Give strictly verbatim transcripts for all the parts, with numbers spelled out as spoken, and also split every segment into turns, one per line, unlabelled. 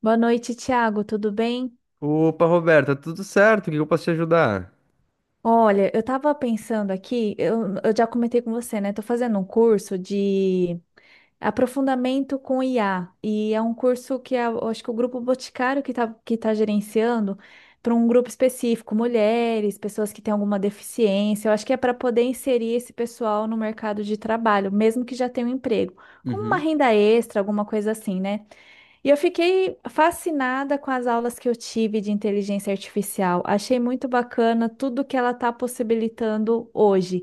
Boa noite, Thiago. Tudo bem?
Opa, Roberta, tudo certo? O que eu posso te ajudar?
Olha, eu tava pensando aqui, eu, eu já comentei com você, né? Tô fazendo um curso de aprofundamento com I A. E é um curso que a- eu acho que o grupo Boticário que tá, que tá gerenciando para um grupo específico, mulheres, pessoas que têm alguma deficiência. Eu acho que é para poder inserir esse pessoal no mercado de trabalho, mesmo que já tenha um emprego, como uma
Uhum.
renda extra, alguma coisa assim, né? E eu fiquei fascinada com as aulas que eu tive de inteligência artificial. Achei muito bacana tudo que ela está possibilitando hoje.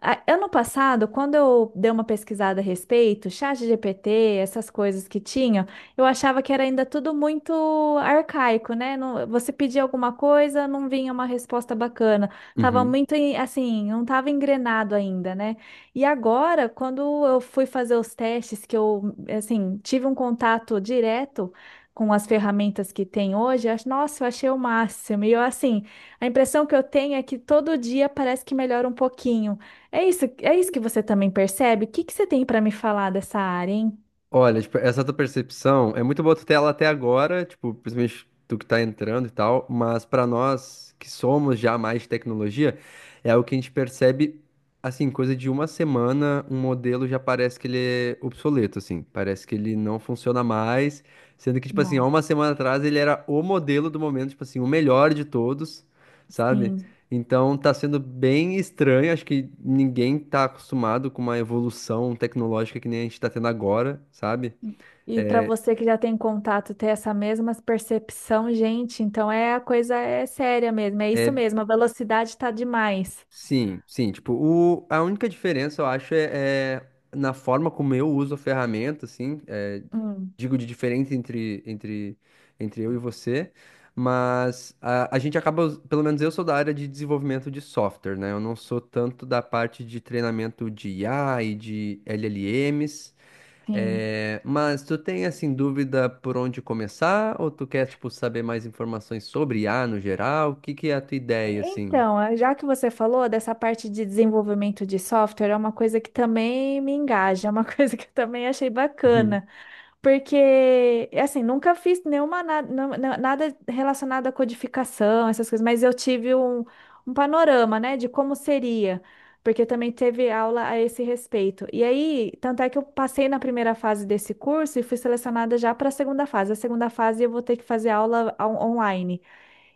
A- Ano passado, quando eu dei uma pesquisada a respeito, chat G P T, essas coisas que tinham, eu achava que era ainda tudo muito arcaico, né? Não- você pedia alguma coisa, não vinha uma resposta bacana. Tava
Uhum.
muito em- assim, não tava engrenado ainda, né? E agora, quando eu fui fazer os testes, que eu assim, tive um contato direto com as ferramentas que tem hoje, eu acho- nossa, eu achei o máximo. E eu assim, a impressão que eu tenho é que todo dia parece que melhora um pouquinho. É isso, é isso que você também percebe? O que que você tem para me falar dessa área, hein?
Olha, tipo, essa tua percepção é muito boa tu ter ela até agora, tipo, principalmente tu que tá entrando e tal, mas pra nós que somos já mais de tecnologia, é o que a gente percebe, assim, coisa de uma semana, um modelo já parece que ele é obsoleto, assim, parece que ele não funciona mais, sendo que, tipo assim, há
Nossa,
uma semana atrás ele era o modelo do momento, tipo assim, o melhor de todos, sabe?
sim.
Então tá sendo bem estranho, acho que ninguém tá acostumado com uma evolução tecnológica que nem a gente tá tendo agora, sabe?
E para você que já tem contato, ter essa mesma percepção, gente, então é a coisa é séria mesmo, é isso
É,
mesmo, a velocidade está demais.
sim, sim, tipo, o, a única diferença eu acho é, é na forma como eu uso a ferramenta, assim, é,
Hum,
digo de diferente entre, entre, entre eu e você, mas a, a gente acaba, us- pelo menos eu sou da área de desenvolvimento de software, né? Eu não sou tanto da parte de treinamento de I A e de L L Ms.
sim.
É, mas tu tem assim dúvida por onde começar ou tu quer tipo saber mais informações sobre I a no geral? O que que é a tua ideia assim?
Então, eh, já que você falou dessa parte de desenvolvimento de software, é uma coisa que também me engaja, é uma coisa que eu também achei
Uhum.
bacana. Porque, assim, nunca fiz nenhuma na- na- na- nada relacionado à codificação, essas coisas, mas eu tive um, um panorama, né, de como seria, porque também teve aula a esse respeito. E aí, tanto é que eu passei na primeira fase desse curso e fui selecionada já para a segunda fase. A segunda fase eu vou ter que fazer aula on- online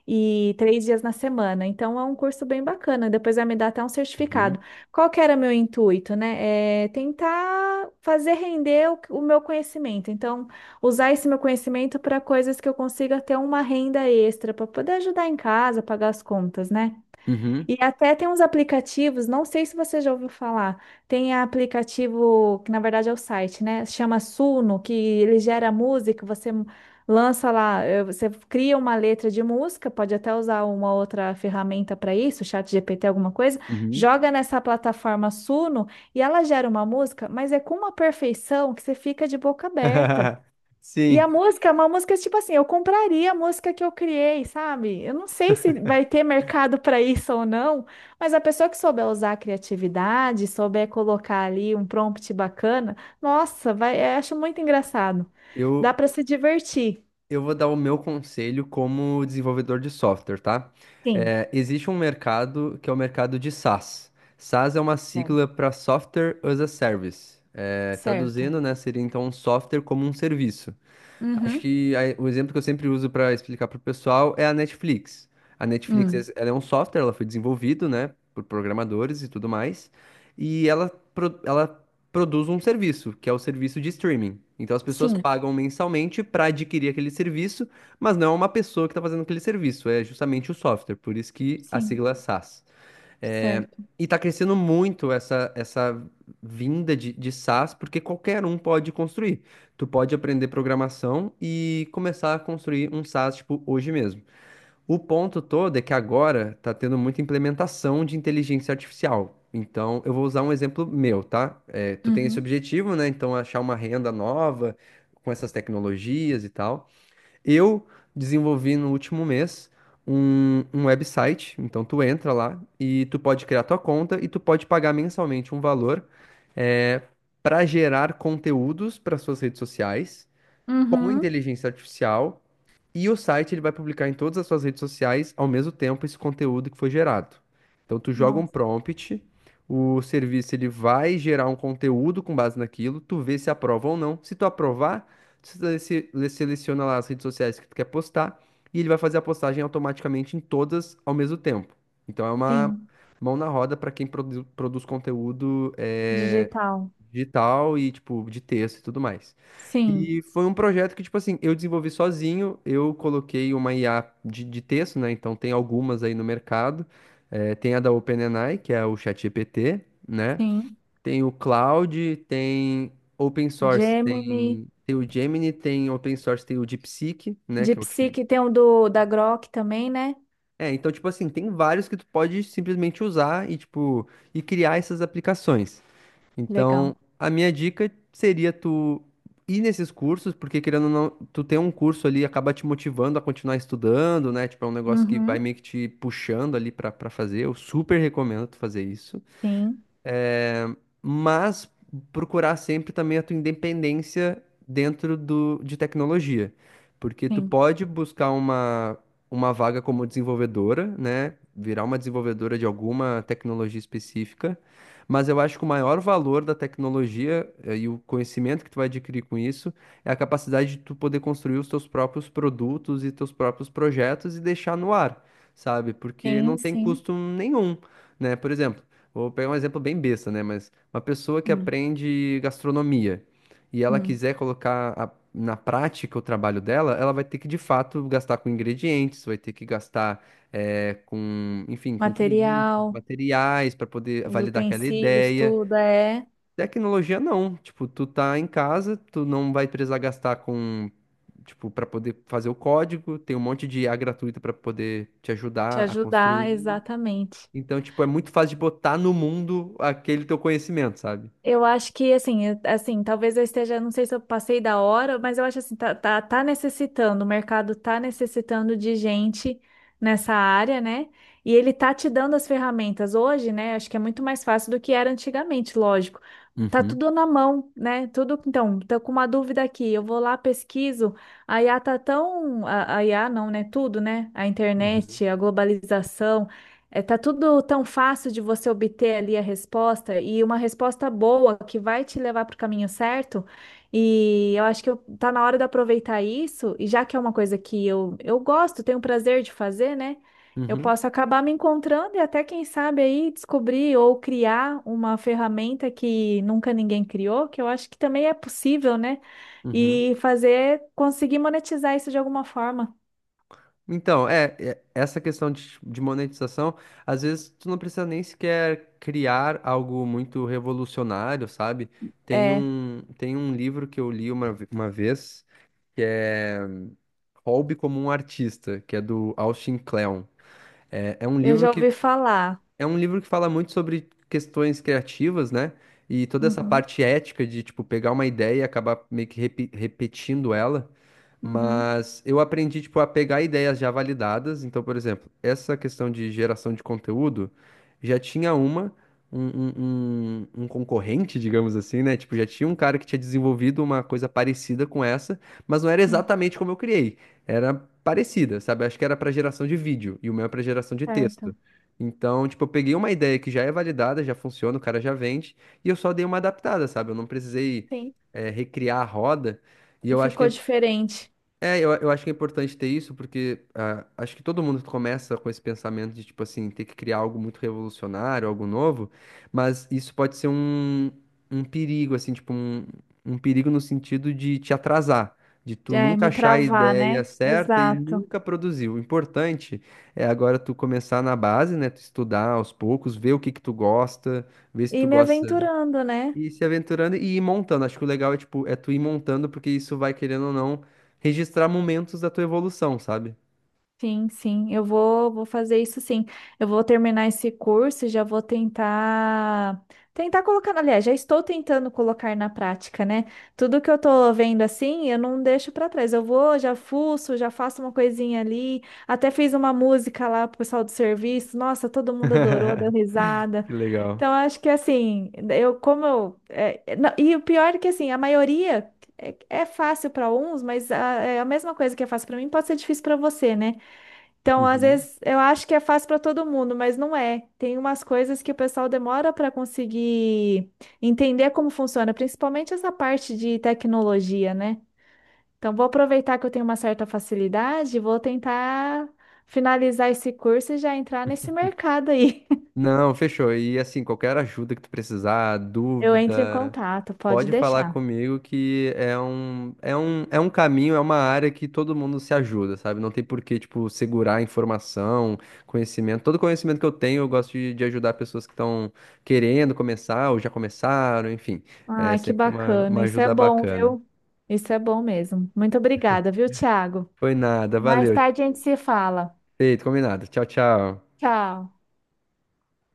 e três dias na semana. Então é um curso bem bacana. Depois vai me dar até um
Uhum.
certificado. Qual que era meu intuito, né? É tentar fazer render o, o meu conhecimento. Então, usar esse meu conhecimento para coisas que eu consiga ter uma renda extra para poder ajudar em casa, pagar as contas, né?
Uhum.
E até tem uns aplicativos, não sei se você já ouviu falar, tem aplicativo, que na verdade é o site, né? Chama Suno, que ele gera música, você m- lança lá, eh, você cria uma letra de música, pode até usar uma outra ferramenta para isso, chat G P T, alguma coisa,
Uhum.
joga nessa plataforma Suno e ela gera uma música, mas é com uma perfeição que você fica de boca aberta. E a
Sim,
música é uma música tipo assim, eu compraria a música que eu criei, sabe? Eu não sei se vai ter mercado para isso ou não, mas a pessoa que souber usar a criatividade, souber colocar ali um prompt bacana, nossa, vai, eu acho muito engraçado. Dá
eu
para se divertir.
eu vou dar o meu conselho como desenvolvedor de software, tá?
Sim,
É, existe um mercado que é o mercado de SaaS. SaaS é uma
é,
sigla para Software as a Service. É,
certo.
traduzindo, né, seria então um software como um serviço. Acho
Uhum.
que a- o exemplo que eu sempre uso para explicar para o pessoal é a Netflix. A Netflix,
Hum.
es- ela é um software, ela foi desenvolvido, né, por programadores e tudo mais, e ela, pro- ela produz um serviço, que é o serviço de streaming. Então as pessoas
Sim,
pagam mensalmente para adquirir aquele serviço, mas não é uma pessoa que está fazendo aquele serviço, é justamente o software, por isso que a
sim,
sigla é SaaS. É.
certo.
E está crescendo muito essa, essa vinda de, de SaaS, porque qualquer um pode construir. Tu pode aprender programação e começar a construir um SaaS, tipo, hoje mesmo. O ponto todo é que agora está tendo muita implementação de inteligência artificial. Então, eu vou usar um exemplo meu, tá? É, tu tem esse
Uhum.
objetivo, né? Então, achar uma renda nova com essas tecnologias e tal. Eu desenvolvi no último mês um, um website, então tu entra lá e tu pode criar tua conta e tu pode pagar mensalmente um valor é, para gerar conteúdos para suas redes sociais com
Uhum.
inteligência artificial e o site ele vai publicar em todas as suas redes sociais ao mesmo tempo esse conteúdo que foi gerado. Então tu joga um
Nossa,
prompt, o serviço ele vai gerar um conteúdo com base naquilo, tu vê se aprova ou não. Se tu aprovar, tu seleci- seleciona lá as redes sociais que tu quer postar e ele vai fazer a postagem automaticamente em todas ao mesmo tempo. Então é uma
sim,
mão na roda para quem produ- produz conteúdo é,
digital.
digital e tipo de texto e tudo mais.
Sim,
E foi um projeto que, tipo assim, eu desenvolvi sozinho, eu coloquei uma I A de, de texto, né? Então tem algumas aí no mercado. Eh, tem a da OpenAI, que é o ChatGPT, né?
sim.
Tem o Cloud, tem open source,
Gemini.
tem, tem o Gemini, tem open source, tem o DeepSeek, né?
De
Que é o chin-
Psyche tem um do, da Grok também, né?
É, então, tipo assim, tem vários que tu pode simplesmente usar e, tipo, e criar essas aplicações.
Legal.
Então, a minha dica seria tu ir nesses cursos, porque querendo ou não, tu ter um curso ali acaba te motivando a continuar estudando, né? Tipo, é um negócio que vai
Uhum.
meio que te puxando ali pra, pra fazer. Eu super recomendo tu fazer isso.
Sim,
É, mas procurar sempre também a tua independência dentro do, de tecnologia, porque tu
sim.
pode buscar uma, uma vaga como desenvolvedora, né? Virar uma desenvolvedora de alguma tecnologia específica, mas eu acho que o maior valor da tecnologia eh, e o conhecimento que tu vai adquirir com isso é a capacidade de tu poder construir os teus próprios produtos e teus próprios projetos e deixar no ar, sabe? Porque não
Sim,
tem
sim.
custo nenhum, né? Por exemplo, vou pegar um exemplo bem besta, né? Mas uma pessoa que
Hum,
aprende gastronomia e ela
hum.
quiser colocar a- na prática o trabalho dela, ela vai ter que de fato gastar com ingredientes, vai ter que gastar eh, com, enfim, com clientes,
Material,
materiais para poder
os
validar aquela
utensílios,
ideia.
tudo é
Tecnologia não, tipo, tu tá em casa, tu não vai precisar gastar com, tipo, para poder fazer o código, tem um monte de I A gratuita para poder te
te
ajudar a
ajudar,
construir.
exatamente.
Então, tipo, é muito fácil de botar no mundo aquele teu conhecimento, sabe?
Eu acho que assim, eu- assim, talvez eu esteja, não sei se eu passei da hora, mas eu acho assim, tá, tá, tá necessitando, o mercado tá necessitando de gente nessa área, né? E ele tá te dando as ferramentas hoje, né? Acho que é muito mais fácil do que era antigamente, lógico. Tá
Uhum.
tudo na mão, né? Tudo, então, tô com uma dúvida aqui, eu vou lá, pesquiso. A I A tá tão, a, a I A não, né? Tudo, né? A
Uhum.
internet, a globalização. É, tá tudo tão fácil de você obter ali a resposta e uma resposta boa que vai te levar para o caminho certo. E eu acho que eu, tá na hora de aproveitar isso, e já que é uma coisa que eu, eu gosto, tenho prazer de fazer, né? Eu
Uhum.
posso acabar me encontrando e até, quem sabe, aí descobrir ou criar uma ferramenta que nunca ninguém criou, que eu acho que também é possível, né?
Uhum.
E fazer, conseguir monetizar isso de alguma forma.
Então, é, é- essa questão de, de monetização, às vezes tu não precisa nem sequer criar algo muito revolucionário, sabe? Tem
É,
um, tem um livro que eu li uma, ve- uma vez, que é Hobby como um Artista, que é do Austin Kleon. É, é um
eu
livro
já
que
ouvi falar.
é um livro que fala muito sobre questões criativas, né? E toda essa
Uhum,
parte ética de, tipo, pegar uma ideia e acabar meio que repi- repetindo ela.
uhum,
Mas eu aprendi, tipo, a pegar ideias já validadas. Então, por exemplo, essa questão de geração de conteúdo, já tinha uma, um, um, um- um concorrente, digamos assim, né? Tipo, já tinha um cara que tinha desenvolvido uma coisa parecida com essa, mas não era
sim.
exatamente como eu criei. Era parecida, sabe? Acho que era para geração de vídeo e o meu é para geração de texto.
Certo,
Então, tipo, eu peguei uma ideia que já é validada, já funciona, o cara já vende, e eu só dei uma adaptada, sabe? Eu não precisei,
sim.
eh, recriar a roda. E
E
eu acho que
ficou
é
diferente.
é, eu, eu acho que é importante ter isso, porque ah, acho que todo mundo começa com esse pensamento de, tipo assim, ter que criar algo muito revolucionário, algo novo, mas isso pode ser um, um perigo, assim, tipo, um, um perigo no sentido de te atrasar, de tu
É,
nunca
me
achar a
travar,
ideia
né?
certa e
Exato.
nunca produzir. O importante é agora tu começar na base, né, tu estudar aos poucos, ver o que que tu gosta, ver se
E
tu
me
gosta
aventurando, né?
e se aventurando e ir montando. Acho que o legal é, tipo, é tu ir montando, porque isso vai, querendo ou não, registrar momentos da tua evolução, sabe?
Sim, sim. Eu vou, vou fazer isso sim. Eu vou terminar esse curso e já vou tentar. Tentar colocar, aliás, já estou tentando colocar na prática, né? Tudo que eu tô vendo assim, eu não deixo para trás. Eu vou, já fuço, já faço uma coisinha ali. Até fiz uma música lá pro pessoal do serviço. Nossa, todo mundo adorou, deu risada.
Que legal.
Então, acho que assim, eu como eu. É, é, não, e o pior é que assim, a maioria é, é fácil para uns, mas a, é a mesma coisa que é fácil para mim pode ser difícil para você, né? Então, às
Uhum.
vezes, eu acho que é fácil para todo mundo, mas não é. Tem umas coisas que o pessoal demora para conseguir entender como funciona, principalmente essa parte de tecnologia, né? Então, vou aproveitar que eu tenho uma certa facilidade, vou tentar finalizar esse curso e já entrar nesse mercado aí.
Não, fechou. E assim, qualquer ajuda que tu precisar,
Eu
dúvida,
entro em contato, pode
pode falar
deixar.
comigo que é um, é um, é um caminho, é uma área que todo mundo se ajuda, sabe? Não tem por que, tipo, segurar informação, conhecimento. Todo conhecimento que eu tenho, eu gosto de, de ajudar pessoas que estão querendo começar ou já começaram, enfim. É
Ai, que
sempre uma,
bacana.
uma
Isso é
ajuda
bom,
bacana.
viu? Isso é bom mesmo. Muito obrigada, viu, Thiago?
Foi nada,
Mais
valeu.
tarde a gente se fala.
Feito, combinado. Tchau, tchau.
Tchau.